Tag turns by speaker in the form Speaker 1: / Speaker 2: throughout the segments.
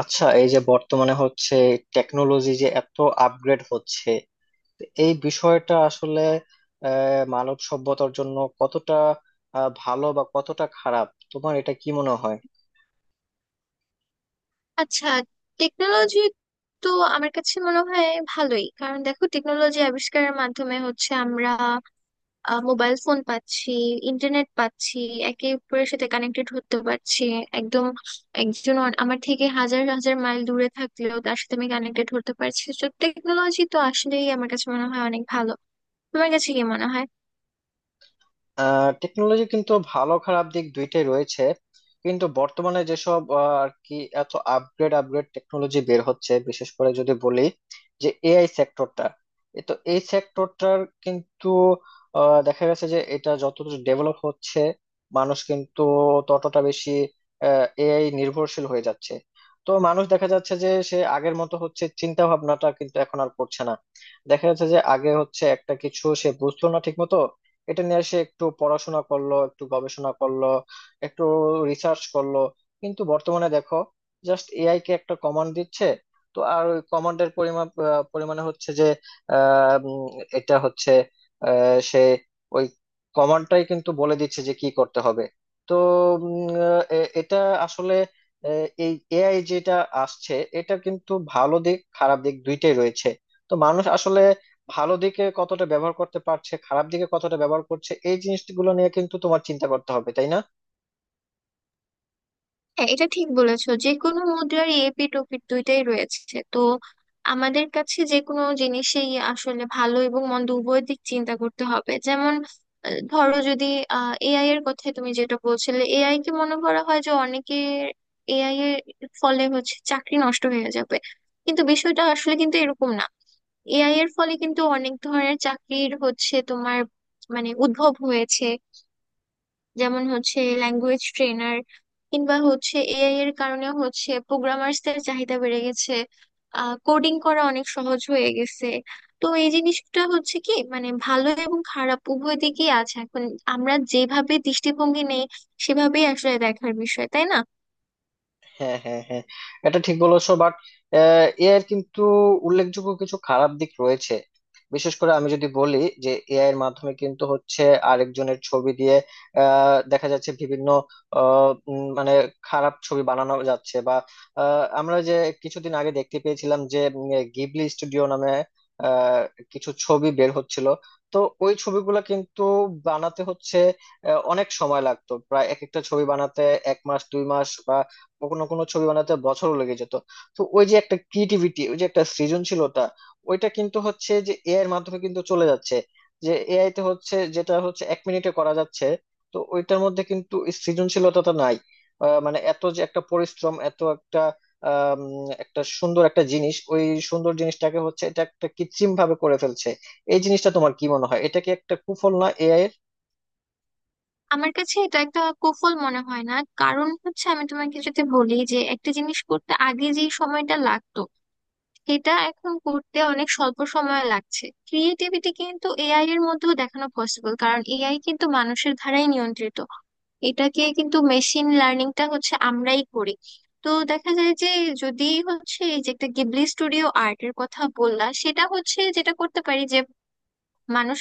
Speaker 1: আচ্ছা, এই যে বর্তমানে হচ্ছে টেকনোলজি যে এত আপগ্রেড হচ্ছে, এই বিষয়টা আসলে মানব সভ্যতার জন্য কতটা ভালো বা কতটা খারাপ, তোমার এটা কি মনে হয়?
Speaker 2: আচ্ছা, টেকনোলজি তো আমার কাছে মনে হয় ভালোই। কারণ দেখো, টেকনোলজি আবিষ্কারের মাধ্যমে হচ্ছে আমরা মোবাইল ফোন পাচ্ছি, ইন্টারনেট পাচ্ছি, একে অপরের সাথে কানেক্টেড হতে পারছি। একদম আমার থেকে হাজার হাজার মাইল দূরে থাকলেও তার সাথে আমি কানেক্টেড হতে পারছি। তো টেকনোলজি তো আসলেই আমার কাছে মনে হয় অনেক ভালো। তোমার কাছে কি মনে হয়?
Speaker 1: টেকনোলজি কিন্তু ভালো খারাপ দিক দুইটাই রয়েছে। কিন্তু বর্তমানে যেসব আর কি এত আপগ্রেড আপগ্রেড টেকনোলজি বের হচ্ছে, বিশেষ করে যদি বলি যে এআই সেক্টরটা, তো এই সেক্টরটার কিন্তু দেখা গেছে যে এটা যতটা ডেভেলপ হচ্ছে, মানুষ কিন্তু ততটা বেশি এআই নির্ভরশীল হয়ে যাচ্ছে। তো মানুষ দেখা যাচ্ছে যে, সে আগের মতো হচ্ছে চিন্তা ভাবনাটা কিন্তু এখন আর করছে না। দেখা যাচ্ছে যে আগে হচ্ছে একটা কিছু সে বুঝতো না ঠিক মতো, এটা নিয়ে সে একটু পড়াশোনা করলো, একটু গবেষণা করলো, একটু রিসার্চ করলো। কিন্তু বর্তমানে দেখো, জাস্ট এআই কে একটা কমান্ড দিচ্ছে। তো আর ওই কমান্ডের পরিমাণ পরিমাণে হচ্ছে যে আহ, উম, এটা হচ্ছে সে ওই কমান্ডটাই কিন্তু বলে দিচ্ছে যে কি করতে হবে। তো এটা আসলে এই এআই যেটা আসছে, এটা কিন্তু ভালো দিক খারাপ দিক দুইটাই রয়েছে। তো মানুষ আসলে ভালো দিকে কতটা ব্যবহার করতে পারছে, খারাপ দিকে কতটা ব্যবহার করছে, এই জিনিসগুলো নিয়ে কিন্তু তোমার চিন্তা করতে হবে, তাই না?
Speaker 2: হ্যাঁ, এটা ঠিক বলেছো যে কোনো মুদ্রারই এপিঠ ওপিঠ দুইটাই রয়েছে। তো আমাদের কাছে যে কোনো জিনিসেই আসলে ভালো এবং মন্দ উভয় দিক চিন্তা করতে হবে। যেমন ধরো যদি এআই এর কথা তুমি যেটা বলছিলে, এআই কে মনে করা হয় যে অনেকে এআই এর ফলে হচ্ছে চাকরি নষ্ট হয়ে যাবে। কিন্তু বিষয়টা আসলে কিন্তু এরকম না। এআই এর ফলে কিন্তু অনেক ধরনের চাকরির হচ্ছে তোমার মানে উদ্ভব হয়েছে। যেমন হচ্ছে ল্যাঙ্গুয়েজ ট্রেনার, কিংবা হচ্ছে এআই এর কারণে হচ্ছে প্রোগ্রামার্সদের চাহিদা বেড়ে গেছে, কোডিং করা অনেক সহজ হয়ে গেছে। তো এই জিনিসটা হচ্ছে কি, মানে ভালো এবং খারাপ উভয় দিকেই আছে। এখন আমরা যেভাবে দৃষ্টিভঙ্গি নেই সেভাবেই আসলে দেখার বিষয়, তাই না?
Speaker 1: হ্যাঁ, হ্যাঁ, হ্যাঁ, এটা ঠিক বলেছো, বাট এআই এর কিন্তু উল্লেখযোগ্য কিছু খারাপ দিক রয়েছে। বিশেষ করে আমি যদি বলি যে এআই এর মাধ্যমে কিন্তু হচ্ছে আরেকজনের ছবি দিয়ে দেখা যাচ্ছে বিভিন্ন মানে খারাপ ছবি বানানো যাচ্ছে। বা আমরা যে কিছুদিন আগে দেখতে পেয়েছিলাম যে গিবলি স্টুডিও নামে আহ, কিছু ছবি বের হচ্ছিল। তো ওই ছবিগুলো কিন্তু বানাতে হচ্ছে অনেক সময় লাগতো, প্রায় এক একটা ছবি বানাতে এক মাস, দুই মাস, কোনো কোনো ছবি বানাতে বছরও লেগে যেত। তো ওই যে একটা ক্রিয়েটিভিটি, ওই যে একটা সৃজনশীলতা, ওইটা কিন্তু হচ্ছে যে এআই এর মাধ্যমে কিন্তু চলে যাচ্ছে। যে এআই তে হচ্ছে যেটা হচ্ছে এক মিনিটে করা যাচ্ছে, তো ওইটার মধ্যে কিন্তু এই সৃজনশীলতাটা নাই। মানে এত যে একটা পরিশ্রম, এত একটা একটা সুন্দর একটা জিনিস, ওই সুন্দর জিনিসটাকে হচ্ছে এটা একটা কৃত্রিম ভাবে করে ফেলছে। এই জিনিসটা তোমার কি মনে হয়, এটা কি একটা কুফল না এআই এর?
Speaker 2: আমার কাছে এটা একটা কুফল মনে হয় না। কারণ হচ্ছে আমি তোমাকে যদি বলি যে একটা জিনিস করতে আগে যে সময়টা লাগতো, এটা এখন করতে অনেক স্বল্প সময় লাগছে। ক্রিয়েটিভিটি কিন্তু এআই এর মধ্যেও দেখানো পসিবল, কারণ এআই কিন্তু মানুষের দ্বারাই নিয়ন্ত্রিত। এটাকে কিন্তু মেশিন লার্নিংটা হচ্ছে আমরাই করি। তো দেখা যায় যে, যদি হচ্ছে এই যে একটা গিবলি স্টুডিও আর্টের কথা বললা, সেটা হচ্ছে যেটা করতে পারি যে মানুষ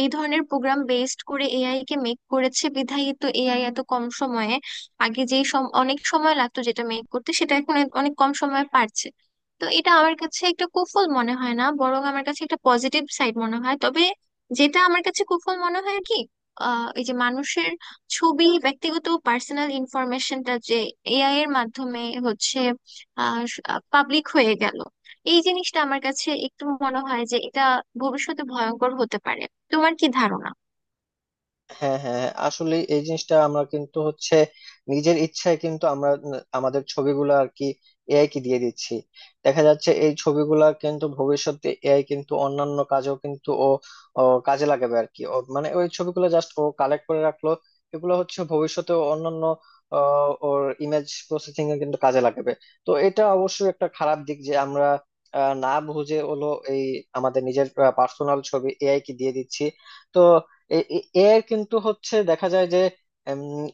Speaker 2: এই ধরনের প্রোগ্রাম বেসড করে এআই কে মেক করেছে বিধায় তো এআই এত কম সময়ে, আগে যেই সম অনেক সময় লাগতো যেটা মেক করতে, সেটা এখন অনেক কম সময়ে পারছে। তো এটা আমার কাছে একটা কুফল মনে হয় না, বরং আমার কাছে একটা পজিটিভ সাইড মনে হয়। তবে যেটা আমার কাছে কুফল মনে হয় কি, এই যে মানুষের ছবি, ব্যক্তিগত পার্সোনাল ইনফরমেশনটা যে এআই এর মাধ্যমে হচ্ছে আহ পাবলিক হয়ে গেল, এই জিনিসটা আমার কাছে একটু মনে হয় যে এটা ভবিষ্যতে ভয়ঙ্কর হতে পারে। তোমার কি ধারণা?
Speaker 1: হ্যাঁ, হ্যাঁ, হ্যাঁ। আসলে এই জিনিসটা আমরা কিন্তু হচ্ছে নিজের ইচ্ছায় কিন্তু আমরা আমাদের ছবিগুলো আর কি এআই কে দিয়ে দিচ্ছি। দেখা যাচ্ছে এই ছবিগুলা কিন্তু ভবিষ্যতে এআই কিন্তু অন্যান্য কাজেও কিন্তু ও ও কাজে লাগাবে আর কি। ও মানে ওই ছবিগুলো জাস্ট ও কালেক্ট করে রাখলো, এগুলো হচ্ছে ভবিষ্যতে ও অন্যান্য ওর ইমেজ প্রসেসিং এ কিন্তু কাজে লাগাবে। তো এটা অবশ্যই একটা খারাপ দিক যে আমরা না বুঝে হলো এই আমাদের নিজের পার্সোনাল ছবি এআই কে দিয়ে দিচ্ছি। তো এআই কিন্তু হচ্ছে দেখা যায় যে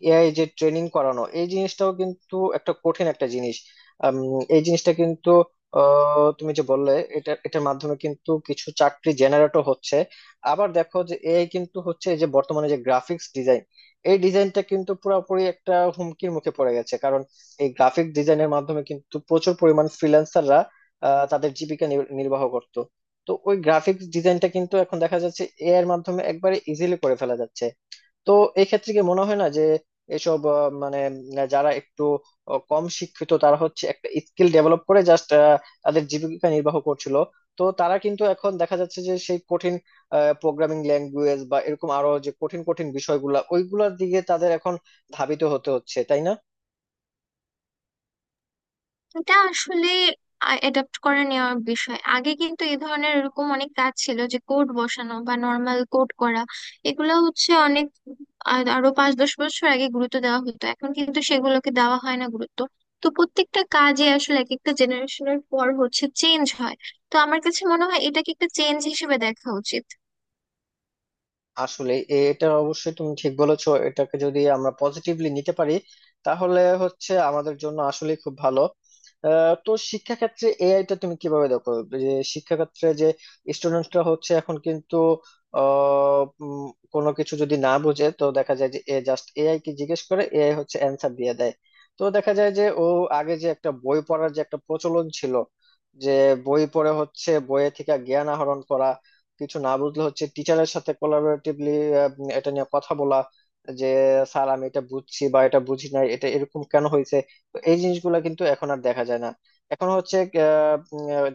Speaker 1: এআই যে ট্রেনিং করানো, এই জিনিসটাও কিন্তু একটা কঠিন একটা জিনিস। এই জিনিসটা কিন্তু তুমি যে বললে এটা এটার মাধ্যমে কিন্তু কিছু চাকরি জেনারেটও হচ্ছে। আবার দেখো যে এআই কিন্তু হচ্ছে এই যে বর্তমানে যে গ্রাফিক্স ডিজাইন, এই ডিজাইনটা কিন্তু পুরোপুরি একটা হুমকির মুখে পড়ে গেছে। কারণ এই গ্রাফিক ডিজাইনের মাধ্যমে কিন্তু প্রচুর পরিমাণ ফ্রিল্যান্সাররা তাদের জীবিকা নির্বাহ করত। তো ওই গ্রাফিক্স ডিজাইনটা কিন্তু এখন দেখা যাচ্ছে এআই এর মাধ্যমে একবারে ইজিলি করে ফেলা যাচ্ছে। তো এই ক্ষেত্রে কি মনে হয় না যে এসব মানে যারা একটু কম শিক্ষিত, তারা হচ্ছে একটা স্কিল ডেভেলপ করে জাস্ট তাদের জীবিকা নির্বাহ করছিল। তো তারা কিন্তু এখন দেখা যাচ্ছে যে সেই কঠিন প্রোগ্রামিং ল্যাঙ্গুয়েজ বা এরকম আরো যে কঠিন কঠিন বিষয়গুলা ওইগুলোর দিকে তাদের এখন ধাবিত হতে হচ্ছে, তাই না?
Speaker 2: এটা আসলে অ্যাডাপ্ট করে নেওয়ার বিষয়। আগে কিন্তু এই ধরনের এরকম অনেক কাজ ছিল যে কোড বসানো বা নর্মাল কোড করা, এগুলো হচ্ছে অনেক আরো 5-10 বছর আগে গুরুত্ব দেওয়া হতো, এখন কিন্তু সেগুলোকে দেওয়া হয় না গুরুত্ব। তো প্রত্যেকটা কাজে আসলে এক একটা জেনারেশনের পর হচ্ছে চেঞ্জ হয়। তো আমার কাছে মনে হয় এটাকে একটা চেঞ্জ হিসেবে দেখা উচিত।
Speaker 1: আসলে এটা অবশ্যই তুমি ঠিক বলেছো, এটাকে যদি আমরা পজিটিভলি নিতে পারি, তাহলে হচ্ছে আমাদের জন্য আসলে খুব ভালো। তো শিক্ষা ক্ষেত্রে এআই টা তুমি কিভাবে দেখো? যে শিক্ষা ক্ষেত্রে যে স্টুডেন্টরা হচ্ছে এখন কিন্তু আহ, উম, কোনো কিছু যদি না বোঝে তো দেখা যায় যে এ জাস্ট এআই কে জিজ্ঞেস করে, এআই হচ্ছে অ্যান্সার দিয়ে দেয়। তো দেখা যায় যে ও আগে যে একটা বই পড়ার যে একটা প্রচলন ছিল, যে বই পড়ে হচ্ছে বইয়ে থেকে জ্ঞান আহরণ করা, কিছু না বুঝলে হচ্ছে টিচারের সাথে কোলাবোরেটিভলি এটা নিয়ে কথা বলা, যে স্যার আমি এটা বুঝছি বা এটা বুঝি না, এটা এরকম কেন হয়েছে। তো এই জিনিসগুলো কিন্তু এখন আর দেখা যায় না। এখন হচ্ছে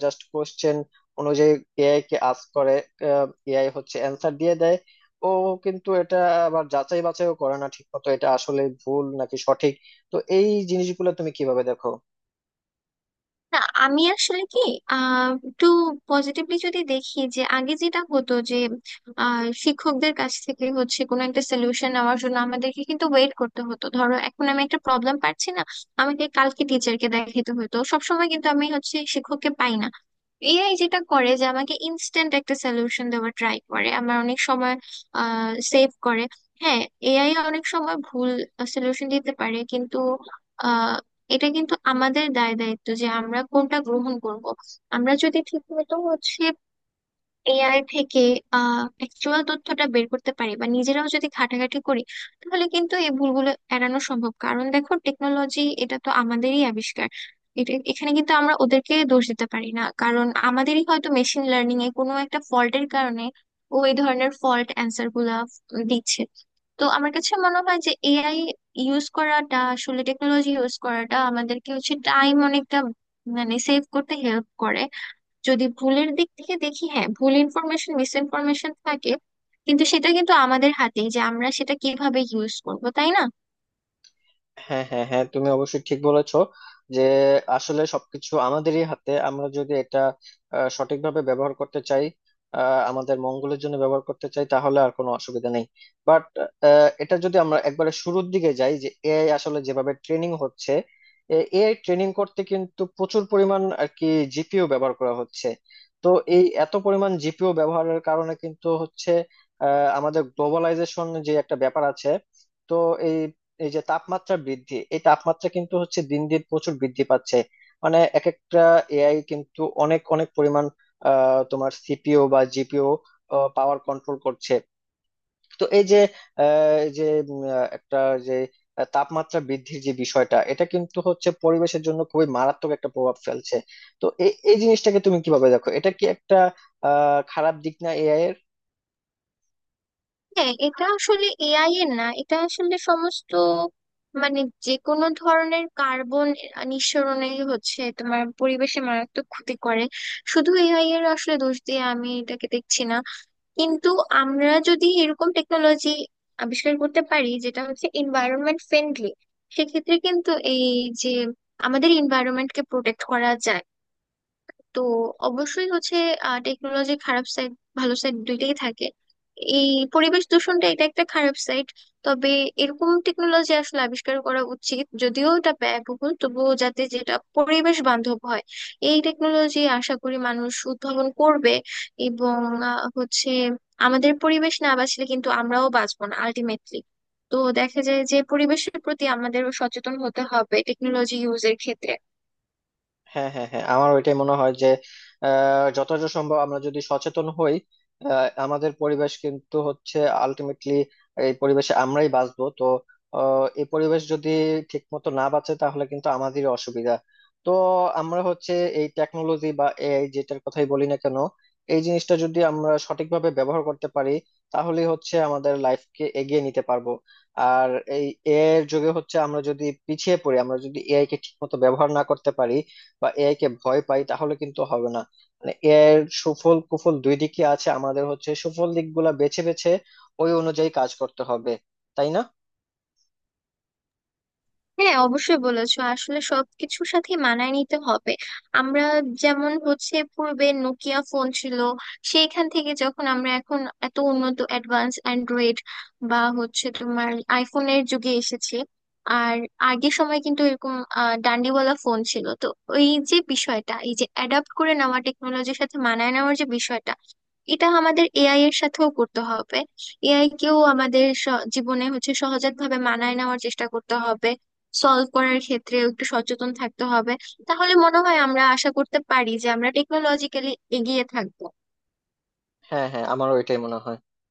Speaker 1: জাস্ট কোশ্চেন অনুযায়ী এআই কে আস্ক করে, এআই হচ্ছে অ্যান্সার দিয়ে দেয়। ও কিন্তু এটা আবার যাচাই বাছাইও করে না ঠিক মতো, এটা আসলে ভুল নাকি সঠিক। তো এই জিনিসগুলো তুমি কিভাবে দেখো?
Speaker 2: না, আমি আসলে কি, আহ, একটু পজিটিভলি যদি দেখি, যে আগে যেটা হতো যে শিক্ষকদের কাছ থেকে হচ্ছে কোনো একটা সলিউশন নেওয়ার জন্য আমাদেরকে কিন্তু ওয়েট করতে হতো। ধরো এখন আমি একটা প্রবলেম পাচ্ছি না, আমাকে কালকে টিচারকে দেখাতে হতো। সবসময় কিন্তু আমি হচ্ছে শিক্ষককে পাই না। এআই যেটা করে যে আমাকে ইনস্ট্যান্ট একটা সলিউশন দেওয়ার ট্রাই করে, আমার অনেক সময় সেভ করে। হ্যাঁ, এআই অনেক সময় ভুল সলিউশন দিতে পারে, কিন্তু এটা কিন্তু আমাদের দায় দায়িত্ব যে আমরা কোনটা গ্রহণ করব। আমরা যদি ঠিক মতো হচ্ছে এআই থেকে আহ, অ্যাকচুয়াল তথ্যটা বের করতে পারি বা নিজেরাও যদি ঘাটাঘাটি করি, তাহলে কিন্তু এই ভুলগুলো এড়ানো সম্ভব। কারণ দেখো, টেকনোলজি এটা তো আমাদেরই আবিষ্কার। এটা এখানে কিন্তু আমরা ওদেরকে দোষ দিতে পারি না, কারণ আমাদেরই হয়তো মেশিন লার্নিং এ কোনো একটা ফল্টের কারণে ও এই ধরনের ফল্ট অ্যান্সার গুলা দিচ্ছে। তো আমার কাছে মনে হয় যে এআই ইউজ করাটা, আসলে টেকনোলজি ইউজ করাটা আমাদেরকে হচ্ছে টাইম অনেকটা মানে সেভ করতে হেল্প করে। যদি ভুলের দিক থেকে দেখি, হ্যাঁ, ভুল ইনফরমেশন, মিস ইনফরমেশন থাকে, কিন্তু সেটা কিন্তু আমাদের হাতেই যে আমরা সেটা কিভাবে ইউজ করব, তাই না?
Speaker 1: হ্যাঁ, হ্যাঁ, হ্যাঁ, তুমি অবশ্যই ঠিক বলেছো যে আসলে সবকিছু আমাদেরই হাতে। আমরা যদি এটা সঠিকভাবে ব্যবহার করতে চাই, আমাদের মঙ্গলের জন্য ব্যবহার করতে চাই, তাহলে আর কোনো অসুবিধা নেই। বাট এটা যদি আমরা একবারে শুরুর দিকে যাই যে এআই আসলে যেভাবে ট্রেনিং হচ্ছে, এআই ট্রেনিং করতে কিন্তু প্রচুর পরিমাণ আর কি জিপিও ব্যবহার করা হচ্ছে। তো এই এত পরিমাণ জিপিও ব্যবহারের কারণে কিন্তু হচ্ছে আমাদের গ্লোবালাইজেশন যে একটা ব্যাপার আছে, তো এই এই যে তাপমাত্রা বৃদ্ধি, এই তাপমাত্রা কিন্তু হচ্ছে দিন দিন প্রচুর বৃদ্ধি পাচ্ছে। মানে এক একটা এআই কিন্তু অনেক অনেক পরিমাণ তোমার সিপিও বা জিপিও পাওয়ার কন্ট্রোল করছে। তো এই যে এই যে একটা যে তাপমাত্রা বৃদ্ধির যে বিষয়টা, এটা কিন্তু হচ্ছে পরিবেশের জন্য খুবই মারাত্মক একটা প্রভাব ফেলছে। তো এই এই জিনিসটাকে তুমি কিভাবে দেখো, এটা কি একটা খারাপ দিক না এআই এর?
Speaker 2: হ্যাঁ, এটা আসলে এআই এর না, এটা আসলে সমস্ত, মানে যে কোনো ধরনের কার্বন নিঃসরণেই হচ্ছে তোমার পরিবেশে মারাত্মক ক্ষতি করে। শুধু এআই এর আসলে দোষ দিয়ে আমি এটাকে দেখছি না। কিন্তু আমরা যদি এরকম টেকনোলজি আবিষ্কার করতে পারি যেটা হচ্ছে এনভায়রনমেন্ট ফ্রেন্ডলি, সেক্ষেত্রে কিন্তু এই যে আমাদের এনভায়রনমেন্টকে প্রোটেক্ট করা যায়। তো অবশ্যই হচ্ছে টেকনোলজির খারাপ সাইড, ভালো সাইড দুইটাই থাকে। এই পরিবেশ দূষণটা, এটা একটা খারাপ সাইড। তবে এরকম টেকনোলজি আসলে আবিষ্কার করা উচিত, যদিও এটা ব্যয়বহুল, তবুও যাতে যেটা পরিবেশ বান্ধব হয় এই টেকনোলজি আশা করি মানুষ উদ্ভাবন করবে। এবং হচ্ছে আমাদের পরিবেশ না বাঁচলে কিন্তু আমরাও বাঁচবো না আলটিমেটলি। তো দেখা যায় যে পরিবেশের প্রতি আমাদেরও সচেতন হতে হবে টেকনোলজি ইউজের ক্ষেত্রে।
Speaker 1: হ্যাঁ, হ্যাঁ, হ্যাঁ, আমার ওইটাই মনে হয় যে যতটা সম্ভব আমরা যদি সচেতন হই, আমাদের পরিবেশ কিন্তু হচ্ছে আলটিমেটলি এই পরিবেশে আমরাই বাঁচবো। তো এই পরিবেশ যদি ঠিক মতো না বাঁচে, তাহলে কিন্তু আমাদেরই অসুবিধা। তো আমরা হচ্ছে এই টেকনোলজি বা এআই যেটার কথাই বলি না কেন, এই জিনিসটা যদি আমরা সঠিকভাবে ব্যবহার করতে পারি, তাহলে হচ্ছে আমাদের লাইফকে এগিয়ে নিতে পারবো। আর এই এআই এর যুগে হচ্ছে আমরা যদি পিছিয়ে পড়ি, আমরা যদি এআই কে ঠিক মতো ব্যবহার না করতে পারি বা এআই কে ভয় পাই, তাহলে কিন্তু হবে না। মানে এআই এর সুফল কুফল দুই দিকই আছে, আমাদের হচ্ছে সুফল দিকগুলা বেছে বেছে ওই অনুযায়ী কাজ করতে হবে, তাই না?
Speaker 2: হ্যাঁ, অবশ্যই বলেছো, আসলে সবকিছুর সাথে মানায় নিতে হবে আমরা। যেমন হচ্ছে পূর্বে নোকিয়া ফোন ছিল, সেইখান থেকে যখন আমরা এখন এত উন্নত অ্যাডভান্স অ্যান্ড্রয়েড বা হচ্ছে তোমার আইফোনের যুগে এসেছি। আর আগের সময় কিন্তু এরকম ডান্ডিওয়ালা ফোন ছিল। তো এই যে বিষয়টা, এই যে অ্যাডাপ্ট করে নেওয়া টেকনোলজির সাথে মানায় নেওয়ার যে বিষয়টা, এটা আমাদের এআই এর সাথেও করতে হবে। এআই কেও আমাদের জীবনে হচ্ছে সহজাত ভাবে মানায় নেওয়ার চেষ্টা করতে হবে, সলভ করার ক্ষেত্রে একটু সচেতন থাকতে হবে। তাহলে মনে হয় আমরা আশা করতে পারি যে আমরা টেকনোলজিক্যালি এগিয়ে থাকবো।
Speaker 1: হ্যাঁ, হ্যাঁ, আমারও এটাই মনে হয়।